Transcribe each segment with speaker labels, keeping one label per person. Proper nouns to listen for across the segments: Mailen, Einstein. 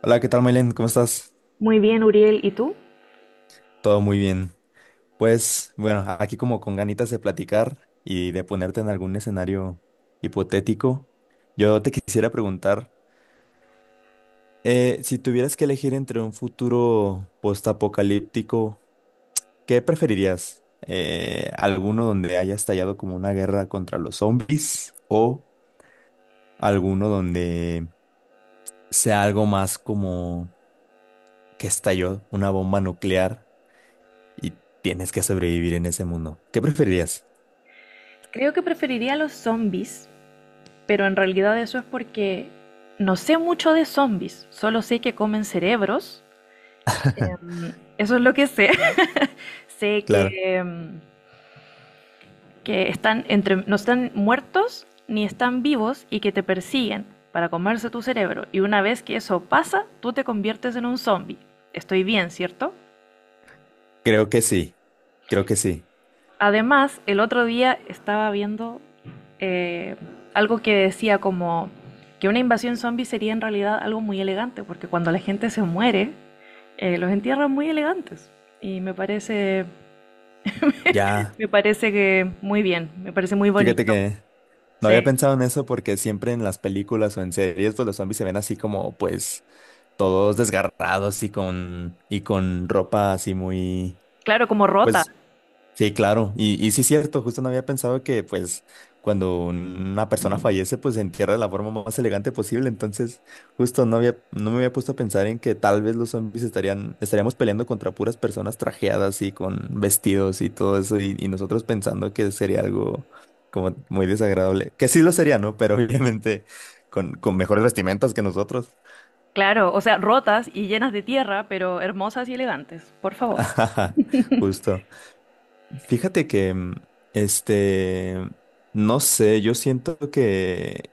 Speaker 1: Hola, ¿qué tal, Mailen? ¿Cómo estás?
Speaker 2: Muy bien, Uriel, ¿y tú?
Speaker 1: Todo muy bien. Pues bueno, aquí como con ganitas de platicar y de ponerte en algún escenario hipotético, yo te quisiera preguntar, si tuvieras que elegir entre un futuro postapocalíptico, ¿qué preferirías? ¿Alguno donde haya estallado como una guerra contra los zombies o alguno donde sea algo más como que estalló una bomba nuclear y tienes que sobrevivir en ese mundo? ¿Qué preferirías?
Speaker 2: Creo que preferiría los zombies, pero en realidad eso es porque no sé mucho de zombies, solo sé que comen cerebros. Mm. Eso es lo que sé. Sé
Speaker 1: Claro,
Speaker 2: que, que están entre, no están muertos ni están vivos y que te persiguen para comerse tu cerebro. Y una vez que eso pasa, tú te conviertes en un zombie. Estoy bien, ¿cierto?
Speaker 1: creo que sí, creo que sí.
Speaker 2: Además, el otro día estaba viendo eh, algo que decía como que una invasión zombie sería en realidad algo muy elegante, porque cuando la gente se muere, los entierran muy elegantes. Y
Speaker 1: Ya,
Speaker 2: me parece que muy bien, me parece muy
Speaker 1: fíjate
Speaker 2: bonito.
Speaker 1: que no había
Speaker 2: Sí.
Speaker 1: pensado en eso porque siempre en las películas o en series, pues los zombies se ven así como, pues, todos desgarrados y con ropa así muy,
Speaker 2: Claro, como rota,
Speaker 1: pues, sí, claro. Y sí es cierto, justo no había pensado que pues cuando una persona fallece pues se entierra de la forma más elegante posible. Entonces, justo no me había puesto a pensar en que tal vez los zombies estaríamos peleando contra puras personas trajeadas y con vestidos y todo eso, y nosotros pensando que sería algo como muy desagradable. Que sí lo sería, ¿no? Pero obviamente con mejores vestimentas que nosotros.
Speaker 2: claro, o sea, rotas y llenas de tierra, pero hermosas y elegantes, por favor.
Speaker 1: Justo. Fíjate que, este, no sé, yo siento que,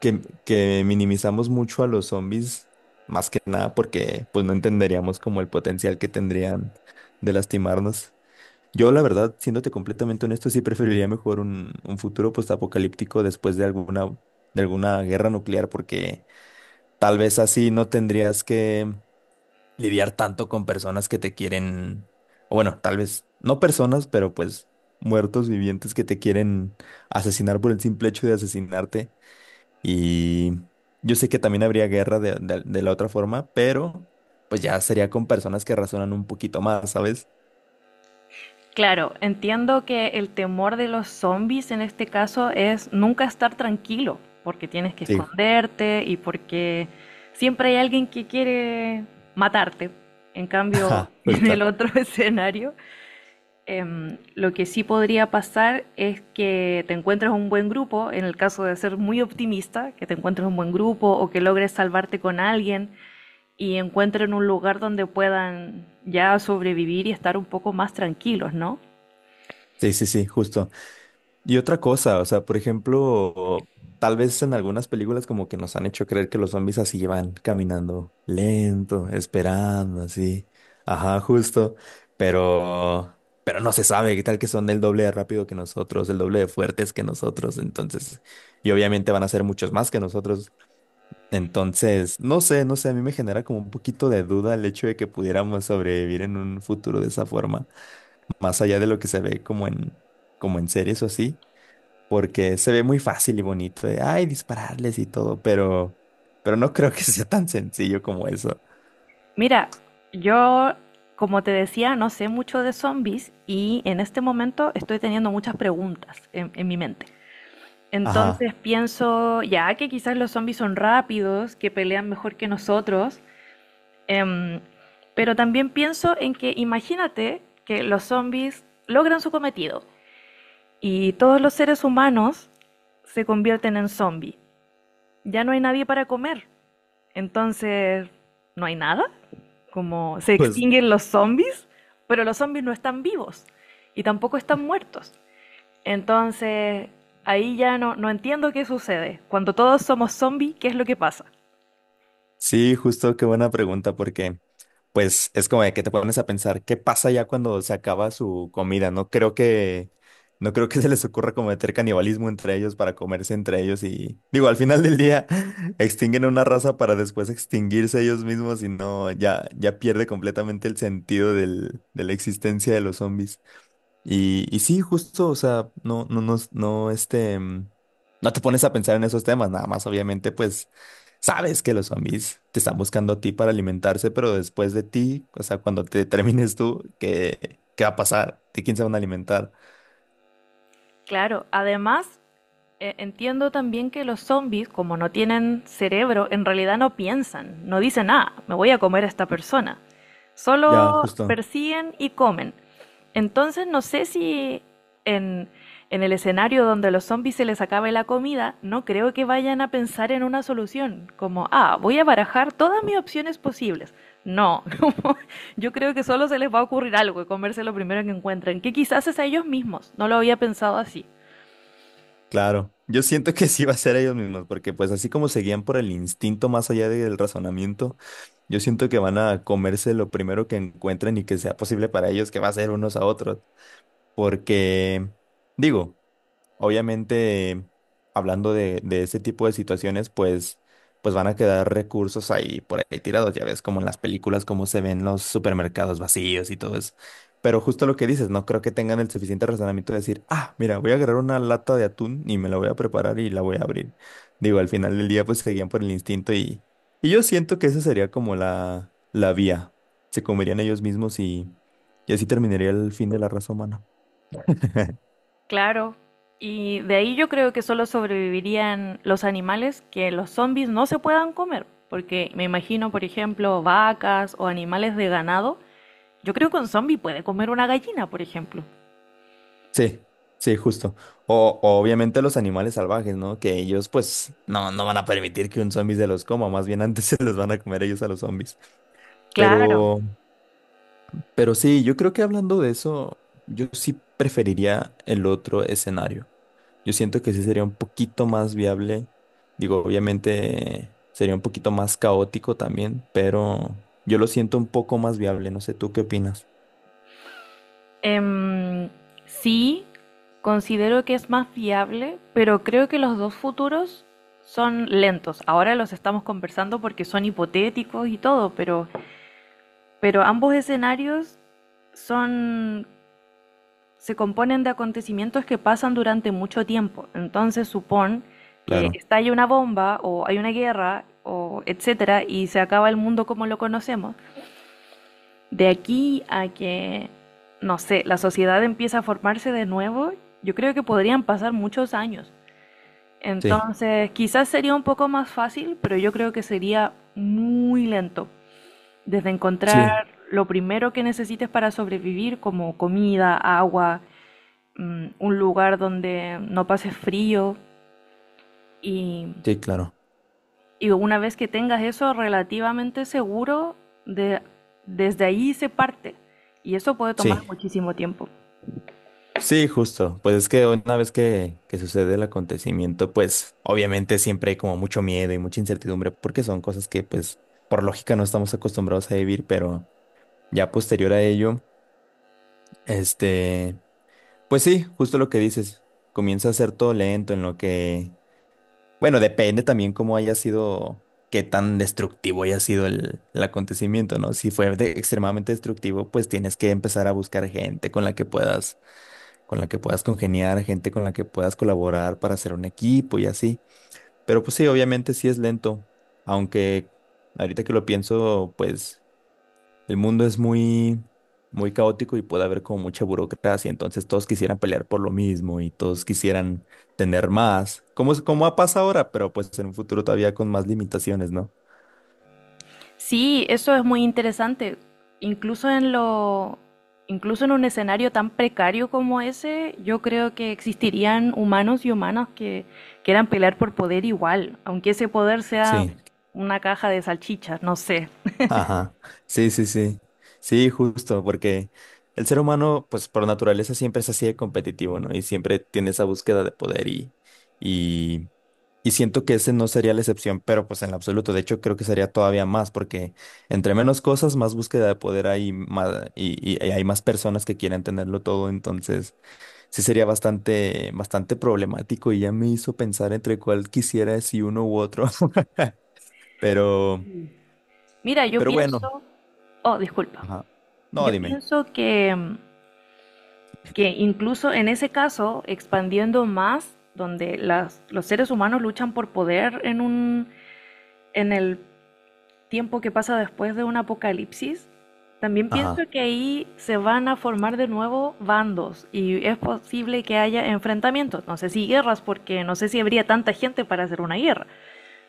Speaker 1: que, que minimizamos mucho a los zombies, más que nada porque pues no entenderíamos como el potencial que tendrían de lastimarnos. Yo la verdad, siéndote completamente honesto, sí preferiría mejor un futuro postapocalíptico después de de alguna guerra nuclear, porque tal vez así no tendrías que lidiar tanto con personas que te quieren, o bueno, tal vez no personas, pero pues muertos vivientes que te quieren asesinar por el simple hecho de asesinarte. Y yo sé que también habría guerra de la otra forma, pero pues ya sería con personas que razonan un poquito más, ¿sabes?
Speaker 2: Claro, entiendo que el temor de los zombies en este caso es nunca estar tranquilo, porque tienes que
Speaker 1: Sí,
Speaker 2: esconderte y porque siempre hay alguien que quiere matarte. En cambio,
Speaker 1: ajá, pues
Speaker 2: en el
Speaker 1: está.
Speaker 2: otro escenario, lo que sí podría pasar es que te encuentres un buen grupo, en el caso de ser muy optimista, que te encuentres un buen grupo o que logres salvarte con alguien y encuentren un lugar donde puedan ya sobrevivir y estar un poco más tranquilos, ¿no?
Speaker 1: Sí, justo. Y otra cosa, o sea, por ejemplo, tal vez en algunas películas como que nos han hecho creer que los zombies así van caminando lento, esperando, así. Ajá, justo. Pero no se sabe qué tal que son el doble de rápido que nosotros, el doble de fuertes que nosotros. Entonces, y obviamente van a ser muchos más que nosotros. Entonces, no sé, a mí me genera como un poquito de duda el hecho de que pudiéramos sobrevivir en un futuro de esa forma, más allá de lo que se ve como en series o así porque se ve muy fácil y bonito de, ay, dispararles y todo, pero no creo que sea tan sencillo como eso.
Speaker 2: Mira, yo, como te decía, no sé mucho de zombies y en este momento estoy teniendo muchas preguntas en mi mente.
Speaker 1: Ajá,
Speaker 2: Entonces pienso, ya que quizás los zombies son rápidos, que pelean mejor que nosotros, em, pero también pienso en que imagínate que los zombies logran su cometido y todos los seres humanos se convierten en zombies. Ya no hay nadie para comer. Entonces, no hay nada. Como se
Speaker 1: pues
Speaker 2: extinguen los zombies, pero los zombies no están vivos y tampoco están muertos. Entonces, ahí ya no, no entiendo qué sucede. Cuando todos somos zombies, ¿qué es lo que pasa?
Speaker 1: sí, justo qué buena pregunta, porque pues es como de que te pones a pensar, ¿qué pasa ya cuando se acaba su comida? No creo que se les ocurra cometer canibalismo entre ellos para comerse entre ellos y, digo, al final del día extinguen una raza para después extinguirse ellos mismos y no, ya pierde completamente el sentido de la existencia de los zombies. Y sí, justo, o sea, no te pones a pensar en esos temas, nada más, obviamente, pues sabes que los zombies te están buscando a ti para alimentarse, pero después de ti, o sea, cuando te termines tú, ¿qué va a pasar? ¿De quién se van a alimentar?
Speaker 2: Claro, además entiendo también que los zombies, como no tienen cerebro, en realidad no piensan, no dicen, ah, me voy a comer a esta persona.
Speaker 1: Ya,
Speaker 2: Solo
Speaker 1: justo,
Speaker 2: persiguen y comen. Entonces no sé si en, en el escenario donde los zombies se les acabe la comida, no creo que vayan a pensar en una solución, como, ah, voy a barajar todas mis opciones posibles. No, como, yo creo que solo se les va a ocurrir algo y comerse lo primero que encuentren, que quizás es a ellos mismos, no lo había pensado así.
Speaker 1: claro. Yo siento que sí va a ser ellos mismos, porque pues así como se guían por el instinto más allá del razonamiento, yo siento que van a comerse lo primero que encuentren y que sea posible para ellos, que va a ser unos a otros. Porque, digo, obviamente, hablando de ese tipo de situaciones, pues, pues van a quedar recursos ahí por ahí tirados, ya ves, como en las películas, cómo se ven los supermercados vacíos y todo eso. Pero justo lo que dices, no creo que tengan el suficiente razonamiento de decir, ah, mira, voy a agarrar una lata de atún y me la voy a preparar y la voy a abrir. Digo, al final del día, pues seguían por el instinto y yo siento que esa sería como la vía. Se comerían ellos mismos y así terminaría el fin de la raza humana.
Speaker 2: Claro, y de ahí yo creo que solo sobrevivirían los animales que los zombies no se puedan comer, porque me imagino, por ejemplo, vacas o animales de ganado. Yo creo que un zombie puede comer una gallina, por ejemplo.
Speaker 1: Sí, sí, justo. O obviamente los animales salvajes, ¿no? Que ellos pues no van a permitir que un zombie se los coma, más bien antes se los van a comer ellos a los zombies.
Speaker 2: Claro.
Speaker 1: Pero, pero sí, yo creo que hablando de eso, yo sí preferiría el otro escenario. Yo siento que sí sería un poquito más viable. Digo, obviamente sería un poquito más caótico también, pero yo lo siento un poco más viable. No sé, ¿tú qué opinas?
Speaker 2: Em, sí, considero que es más viable, pero creo que los dos futuros son lentos. Ahora los estamos conversando porque son hipotéticos y todo, pero ambos escenarios son se componen de acontecimientos que pasan durante mucho tiempo. Entonces supón que
Speaker 1: Claro.
Speaker 2: estalla una bomba o hay una guerra o etcétera y se acaba el mundo como lo conocemos. De aquí a que, no sé, la sociedad empieza a formarse de nuevo, yo creo que podrían pasar muchos años.
Speaker 1: Sí,
Speaker 2: Entonces, quizás sería un poco más fácil, pero yo creo que sería muy lento. Desde encontrar
Speaker 1: sí,
Speaker 2: lo primero que necesites para sobrevivir, como comida, agua, un lugar donde no pase frío y,
Speaker 1: sí, claro.
Speaker 2: una vez que tengas eso relativamente seguro, de, desde ahí se parte y eso puede tomar
Speaker 1: Sí.
Speaker 2: muchísimo tiempo.
Speaker 1: Sí, justo. Pues es que una vez que sucede el acontecimiento, pues obviamente siempre hay como mucho miedo y mucha incertidumbre porque son cosas que pues por lógica no estamos acostumbrados a vivir, pero ya posterior a ello, este, pues sí, justo lo que dices, comienza a ser todo lento en lo que, bueno, depende también cómo haya sido, qué tan destructivo haya sido el acontecimiento, ¿no? Si fue de- extremadamente destructivo, pues tienes que empezar a buscar gente con la que puedas con la que puedas congeniar, gente con la que puedas colaborar para hacer un equipo y así. Pero pues sí, obviamente sí es lento, aunque ahorita que lo pienso, pues el mundo es muy caótico y puede haber como mucha burocracia, entonces todos quisieran pelear por lo mismo y todos quisieran tener más, como, es- como ha pasado ahora, pero pues en un futuro todavía con más limitaciones, ¿no?
Speaker 2: Sí, eso es muy interesante. Incluso incluso en un escenario tan precario como ese, yo creo que existirían humanos y humanas que quieran pelear por poder igual, aunque ese poder sea
Speaker 1: Sí.
Speaker 2: una caja de salchichas, no sé.
Speaker 1: Ajá, sí, sí, sí, sí, justo, porque el ser humano, pues por naturaleza siempre es así de competitivo, ¿no? Y siempre tiene esa búsqueda de poder y, y siento que ese no sería la excepción, pero pues en lo absoluto, de hecho creo que sería todavía más, porque entre menos cosas, más búsqueda de poder hay más, y hay más personas que quieren tenerlo todo, entonces sí sería bastante, bastante problemático y ya me hizo pensar entre cuál quisiera, si uno u otro, pero,
Speaker 2: Mira, yo
Speaker 1: pero bueno,
Speaker 2: pienso, oh, disculpa.
Speaker 1: ajá, no,
Speaker 2: Yo
Speaker 1: dime.
Speaker 2: pienso que incluso en ese caso, expandiendo más, donde los seres humanos luchan por poder en el tiempo que pasa después de un apocalipsis, también pienso
Speaker 1: Ajá,
Speaker 2: que ahí se van a formar de nuevo bandos y es posible que haya enfrentamientos. No sé si guerras, porque no sé si habría tanta gente para hacer una guerra,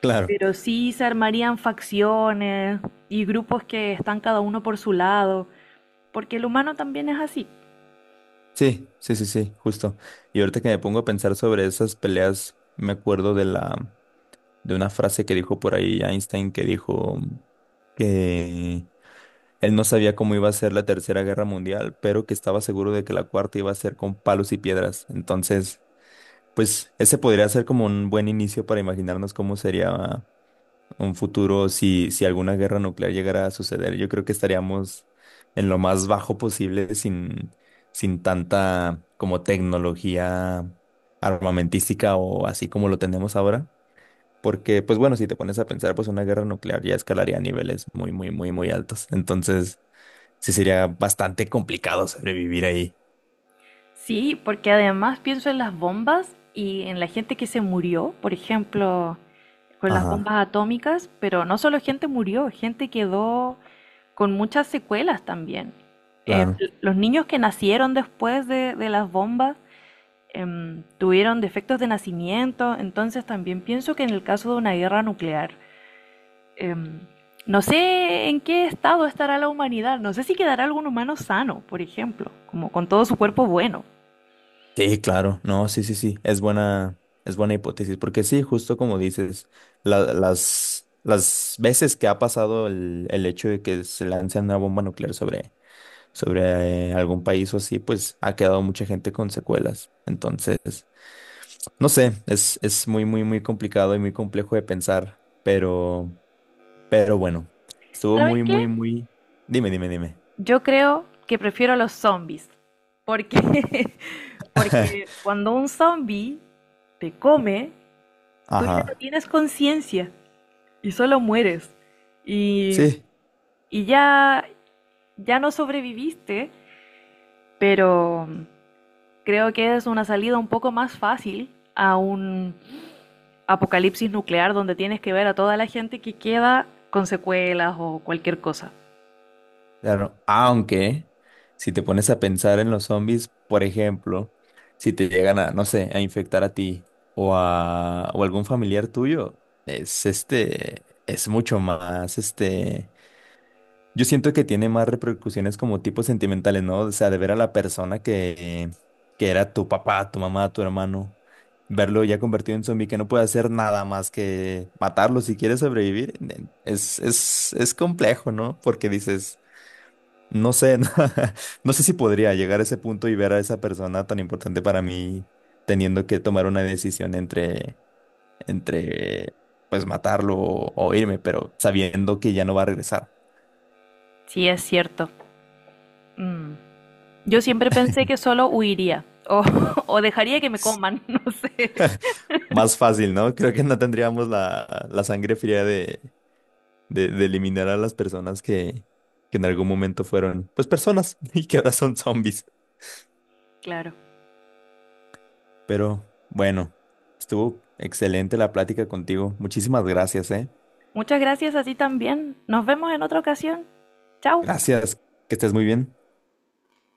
Speaker 1: claro.
Speaker 2: pero sí se armarían facciones y grupos que están cada uno por su lado, porque el humano también es así.
Speaker 1: Sí, justo. Y ahorita que me pongo a pensar sobre esas peleas, me acuerdo de una frase que dijo por ahí Einstein que dijo que él no sabía cómo iba a ser la Tercera Guerra Mundial, pero que estaba seguro de que la cuarta iba a ser con palos y piedras. Entonces, pues ese podría ser como un buen inicio para imaginarnos cómo sería un futuro, si alguna guerra nuclear llegara a suceder, yo creo que estaríamos en lo más bajo posible sin tanta como tecnología armamentística o así como lo tenemos ahora. Porque, pues bueno, si te pones a pensar, pues una guerra nuclear ya escalaría a niveles muy altos. Entonces, sí sería bastante complicado sobrevivir ahí.
Speaker 2: Sí, porque además pienso en las bombas y en la gente que se murió, por ejemplo, con las bombas
Speaker 1: Ajá,
Speaker 2: atómicas, pero no solo gente murió, gente quedó con muchas secuelas también. Eh,
Speaker 1: claro.
Speaker 2: los niños que nacieron después de las bombas tuvieron defectos de nacimiento, entonces también pienso que en el caso de una guerra nuclear, em, no sé en qué estado estará la humanidad, no sé si quedará algún humano sano, por ejemplo, como con todo su cuerpo bueno.
Speaker 1: Sí, claro, no, sí, sí, sí, es buena hipótesis, porque sí, justo como dices, las veces que ha pasado el hecho de que se lance una bomba nuclear sobre, sobre algún país o así, pues ha quedado mucha gente con secuelas. Entonces, no sé, es muy, muy, muy complicado y muy complejo de pensar, pero bueno, estuvo
Speaker 2: ¿Sabes
Speaker 1: muy, muy,
Speaker 2: qué?
Speaker 1: muy... Dime, dime, dime.
Speaker 2: Yo creo que prefiero los zombies, porque, porque cuando un zombie te come, tú ya no
Speaker 1: Ajá,
Speaker 2: tienes conciencia y solo mueres. Y,
Speaker 1: sí.
Speaker 2: ya, ya no sobreviviste, pero creo que es una salida un poco más fácil a un apocalipsis nuclear donde tienes que ver a toda la gente que queda con secuelas o cualquier cosa.
Speaker 1: Claro, aunque si te pones a pensar en los zombies, por ejemplo, si te llegan a, no sé, a infectar a ti o a o algún familiar tuyo, es mucho más, este, yo siento que tiene más repercusiones como tipo sentimentales, ¿no? O sea, de ver a la persona que era tu papá, tu mamá, tu hermano, verlo ya convertido en zombie que no puede hacer nada más que matarlo si quiere sobrevivir, es complejo, ¿no? Porque dices... No sé, no, no sé si podría llegar a ese punto y ver a esa persona tan importante para mí teniendo que tomar una decisión entre pues matarlo o irme, pero sabiendo que ya no va a regresar.
Speaker 2: Sí, es cierto. Mm. Yo siempre pensé que solo huiría o, o dejaría que me
Speaker 1: Es
Speaker 2: coman, no sé.
Speaker 1: más fácil, ¿no? Creo que no tendríamos la sangre fría de eliminar a las personas que en algún momento fueron, pues personas y que ahora son zombies.
Speaker 2: Claro.
Speaker 1: Pero bueno, estuvo excelente la plática contigo. Muchísimas gracias, ¿eh?
Speaker 2: Muchas gracias a ti también. Nos vemos en otra ocasión. Chao.
Speaker 1: Gracias, que estés muy bien.